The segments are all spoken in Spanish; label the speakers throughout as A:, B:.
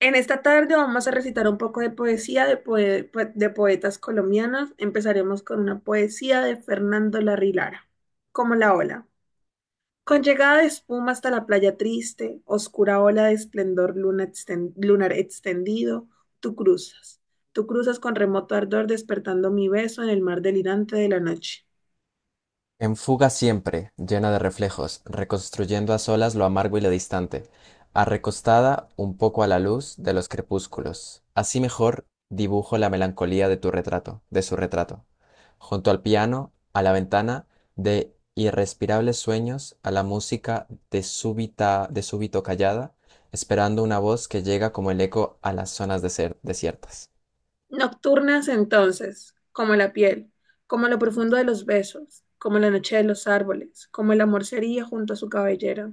A: En esta tarde vamos a recitar un poco de poesía de poetas colombianos. Empezaremos con una poesía de Fernando Larrilara, como la ola. Con llegada de espuma hasta la playa triste, oscura ola de esplendor lunar extendido, tú cruzas. Tú cruzas con remoto ardor despertando mi beso en el mar delirante de la noche.
B: En fuga siempre, llena de reflejos, reconstruyendo a solas lo amargo y lo distante, arrecostada un poco a la luz de los crepúsculos. Así mejor dibujo la melancolía de tu retrato, de su retrato. Junto al piano, a la ventana, de irrespirables sueños, a la música de súbita, de súbito, callada, esperando una voz que llega como el eco a las zonas desiertas.
A: Nocturnas entonces, como la piel, como lo profundo de los besos, como la noche de los árboles, como el amor sería junto a su cabellera.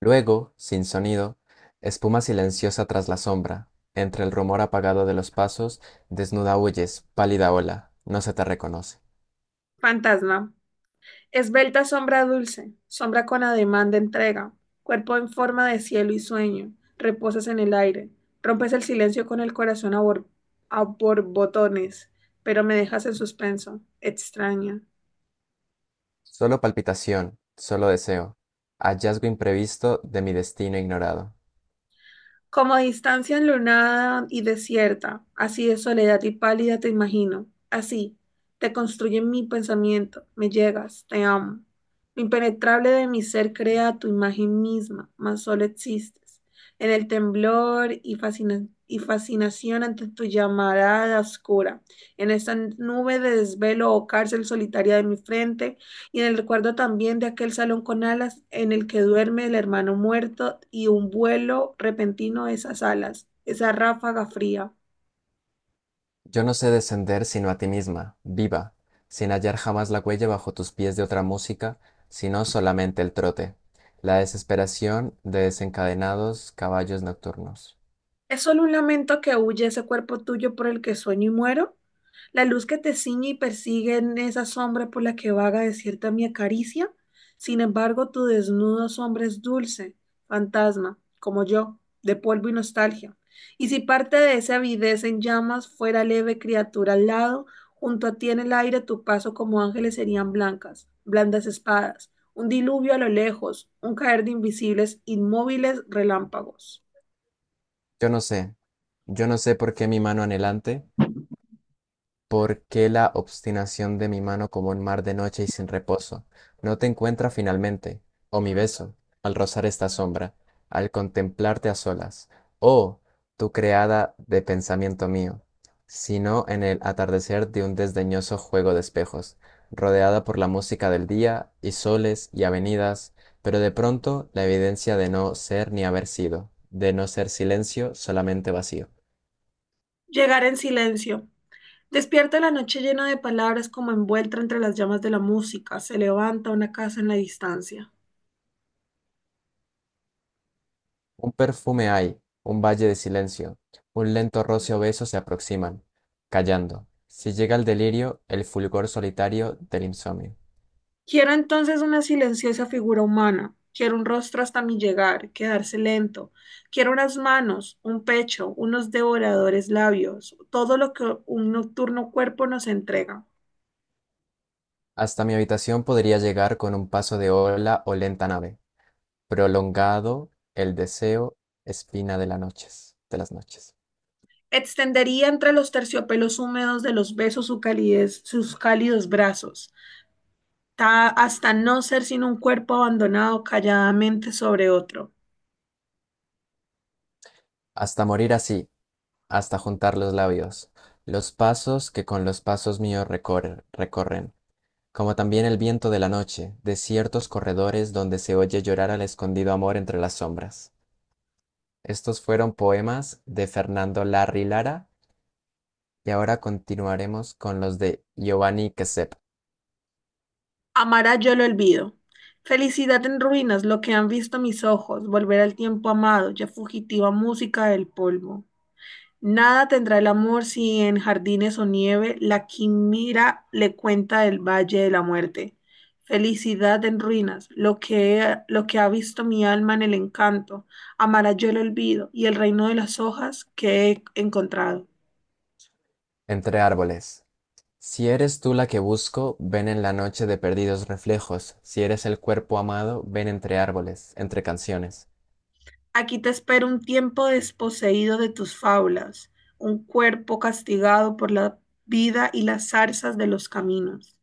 B: Luego, sin sonido, espuma silenciosa tras la sombra, entre el rumor apagado de los pasos, desnuda huyes, pálida ola, no se te reconoce.
A: Fantasma. Esbelta sombra dulce, sombra con ademán de entrega, cuerpo en forma de cielo y sueño, reposas en el aire, rompes el silencio con el a borbotones, pero me dejas en suspenso, extraña.
B: Solo palpitación, solo deseo, hallazgo imprevisto de mi destino ignorado.
A: Como distancia enlunada y desierta, así de soledad y pálida te imagino. Así, te construye mi pensamiento, me llegas, te amo. Lo impenetrable de mi ser crea tu imagen misma, mas solo existes. En el temblor y fascinación ante tu llamarada oscura, en esta nube de desvelo o cárcel solitaria de mi frente, y en el recuerdo también de aquel salón con alas en el que duerme el hermano muerto y un vuelo repentino de esas alas, esa ráfaga fría.
B: Yo no sé descender sino a ti misma, viva, sin hallar jamás la huella bajo tus pies de otra música, sino solamente el trote, la desesperación de desencadenados caballos nocturnos.
A: ¿Es solo un lamento que huye ese cuerpo tuyo por el que sueño y muero? La luz que te ciñe y persigue en esa sombra por la que vaga desierta mi acaricia. Sin embargo, tu desnudo sombra es dulce, fantasma, como yo, de polvo y nostalgia. Y si parte de esa avidez en llamas fuera leve criatura al lado, junto a ti en el aire tu paso como ángeles serían blancas, blandas espadas, un diluvio a lo lejos, un caer de invisibles, inmóviles relámpagos.
B: Yo no sé, yo no sé por qué mi mano anhelante. ¿Por qué la obstinación de mi mano como un mar de noche y sin reposo? No te encuentra finalmente, oh mi beso, al rozar esta sombra, al contemplarte a solas, oh, tú creada de pensamiento mío, sino en el atardecer de un desdeñoso juego de espejos, rodeada por la música del día y soles y avenidas, pero de pronto la evidencia de no ser ni haber sido, de no ser silencio, solamente vacío.
A: Llegar en silencio. Despierta la noche llena de palabras como envuelta entre las llamas de la música, se levanta una casa en la distancia.
B: Un perfume hay, un valle de silencio, un lento roce obeso se aproximan, callando. Si llega el delirio, el fulgor solitario del insomnio.
A: Quiero entonces una silenciosa figura humana, quiero un rostro hasta mi llegar, quedarse lento, quiero unas manos, un pecho, unos devoradores labios, todo lo que un nocturno cuerpo nos entrega.
B: Hasta mi habitación podría llegar con un paso de ola o lenta nave, prolongado el deseo, espina de las noches, de las noches.
A: Extendería entre los terciopelos húmedos de los besos su calidez, sus cálidos brazos, hasta no ser sino un cuerpo abandonado calladamente sobre otro.
B: Hasta morir así, hasta juntar los labios, los pasos que con los pasos míos recorren, como también el viento de la noche, de ciertos corredores donde se oye llorar al escondido amor entre las sombras. Estos fueron poemas de Fernando Larry Lara y ahora continuaremos con los de Giovanni Quesep.
A: Amará yo lo olvido. Felicidad en ruinas, lo que han visto mis ojos, volver al tiempo amado, ya fugitiva música del polvo. Nada tendrá el amor si en jardines o nieve la quimera le cuenta del valle de la muerte. Felicidad en ruinas, lo que ha visto mi alma en el encanto, amará yo el olvido y el reino de las hojas que he encontrado.
B: Entre árboles. Si eres tú la que busco, ven en la noche de perdidos reflejos. Si eres el cuerpo amado, ven entre árboles, entre canciones.
A: Aquí te espera un tiempo desposeído de tus fábulas, un cuerpo castigado por la vida y las zarzas de los caminos.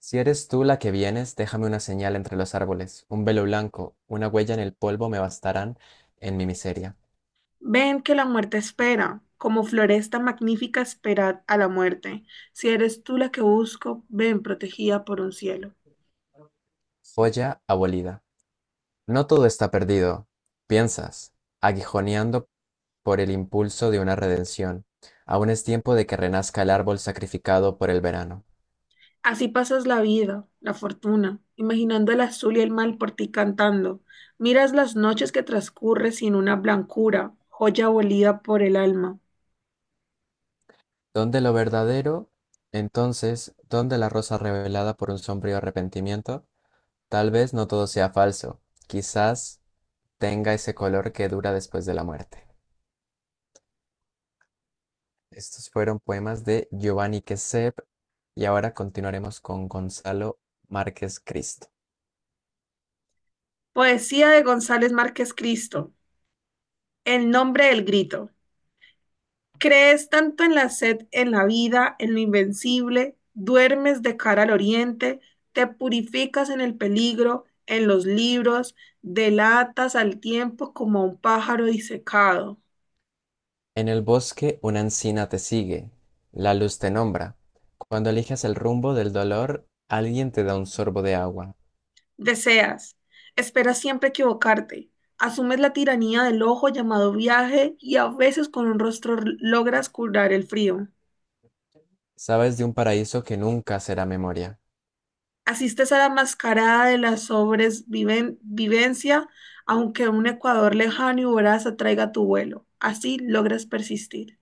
B: Si eres tú la que vienes, déjame una señal entre los árboles, un velo blanco, una huella en el polvo me bastarán en mi miseria.
A: Ven que la muerte espera, como floresta magnífica esperad a la muerte. Si eres tú la que busco, ven protegida por un cielo.
B: Joya abolida. No todo está perdido, piensas, aguijoneando por el impulso de una redención. Aún es tiempo de que renazca el árbol sacrificado por el verano.
A: Así pasas la vida, la fortuna, imaginando el azul y el mal por ti cantando. Miras las noches que transcurre sin una blancura, joya abolida por el alma.
B: ¿Dónde lo verdadero? Entonces, ¿dónde la rosa revelada por un sombrío arrepentimiento? Tal vez no todo sea falso. Quizás tenga ese color que dura después de la muerte. Estos fueron poemas de Giovanni Quesep y ahora continuaremos con Gonzalo Márquez Cristo.
A: Poesía de González Márquez Cristo. El nombre del grito. Crees tanto en la sed, en la vida, en lo invencible, duermes de cara al oriente, te purificas en el peligro, en los libros, delatas al tiempo como a un pájaro disecado.
B: En el bosque una encina te sigue, la luz te nombra. Cuando eliges el rumbo del dolor, alguien te da un sorbo de agua.
A: Deseas, esperas siempre equivocarte, asumes la tiranía del ojo llamado viaje y a veces con un rostro logras curar el frío.
B: Sabes de un paraíso que nunca será memoria.
A: Asistes a la mascarada de la sobrevivencia, aunque un Ecuador lejano y voraz atraiga tu vuelo. Así logras persistir.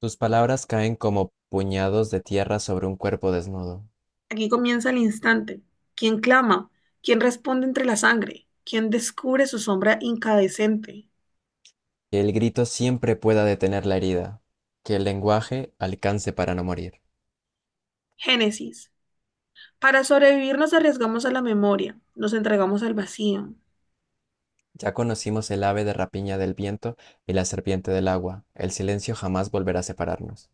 B: Tus palabras caen como puñados de tierra sobre un cuerpo desnudo.
A: Aquí comienza el instante. ¿Quién clama? ¿Quién responde entre la sangre? ¿Quién descubre su sombra incandescente?
B: Que el grito siempre pueda detener la herida. Que el lenguaje alcance para no morir.
A: Génesis. Para sobrevivir nos arriesgamos a la memoria, nos entregamos al vacío.
B: Ya conocimos el ave de rapiña del viento y la serpiente del agua. El silencio jamás volverá a separarnos.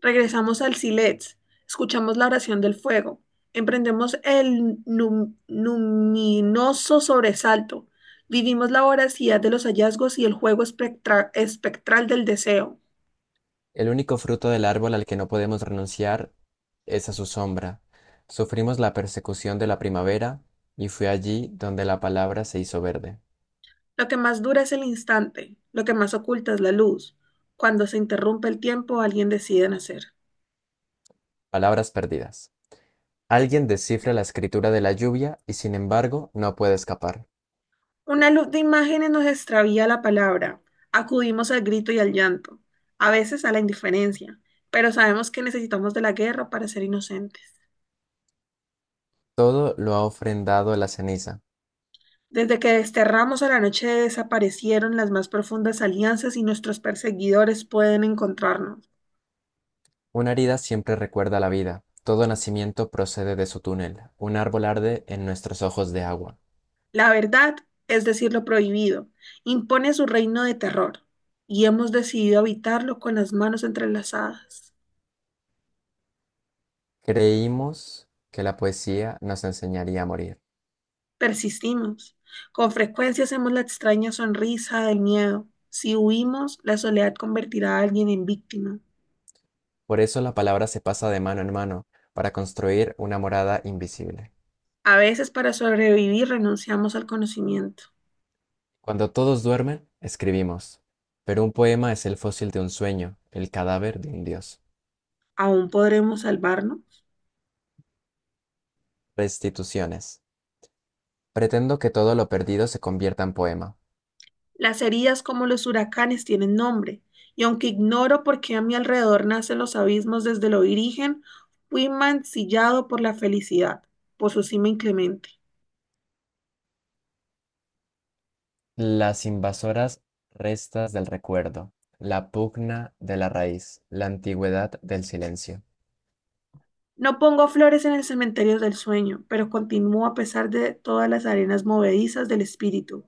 A: Regresamos al Silets, escuchamos la oración del fuego, emprendemos el luminoso sobresalto, vivimos la voracidad de los hallazgos y el espectral del deseo.
B: El único fruto del árbol al que no podemos renunciar es a su sombra. Sufrimos la persecución de la primavera y fue allí donde la palabra se hizo verde.
A: Lo que más dura es el instante, lo que más oculta es la luz. Cuando se interrumpe el tiempo, alguien decide nacer.
B: Palabras perdidas. Alguien descifra la escritura de la lluvia y sin embargo no puede escapar.
A: Una luz de imágenes nos extravía la palabra, acudimos al grito y al llanto, a veces a la indiferencia, pero sabemos que necesitamos de la guerra para ser inocentes.
B: Todo lo ha ofrendado a la ceniza.
A: Desde que desterramos a la noche desaparecieron las más profundas alianzas y nuestros perseguidores pueden encontrarnos.
B: Una herida siempre recuerda la vida. Todo nacimiento procede de su túnel. Un árbol arde en nuestros ojos de agua.
A: La verdad, es decir, lo prohibido, impone su reino de terror y hemos decidido habitarlo con las manos entrelazadas.
B: Creímos que la poesía nos enseñaría a morir.
A: Persistimos. Con frecuencia hacemos la extraña sonrisa del miedo. Si huimos, la soledad convertirá a alguien en víctima.
B: Por eso la palabra se pasa de mano en mano para construir una morada invisible.
A: A veces para sobrevivir renunciamos al conocimiento.
B: Cuando todos duermen, escribimos. Pero un poema es el fósil de un sueño, el cadáver de un dios.
A: ¿Aún podremos salvarnos?
B: Restituciones. Pretendo que todo lo perdido se convierta en poema.
A: Las heridas como los huracanes tienen nombre, y aunque ignoro por qué a mi alrededor nacen los abismos desde lo origen, fui mancillado por la felicidad, por su cima inclemente.
B: Las invasoras restas del recuerdo, la pugna de la raíz, la antigüedad del silencio.
A: No pongo flores en el cementerio del sueño, pero continúo a pesar de todas las arenas movedizas del espíritu.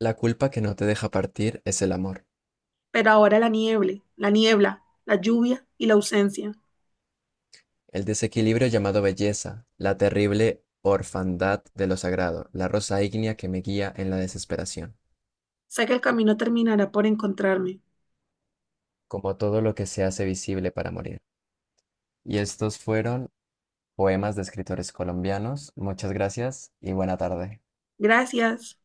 B: La culpa que no te deja partir es el amor.
A: Pero ahora la niebla, la lluvia y la ausencia.
B: El desequilibrio llamado belleza, la terrible orfandad de lo sagrado, la rosa ígnea que me guía en la desesperación,
A: Sé que el camino terminará por encontrarme.
B: como todo lo que se hace visible para morir. Y estos fueron poemas de escritores colombianos. Muchas gracias y buena tarde.
A: Gracias.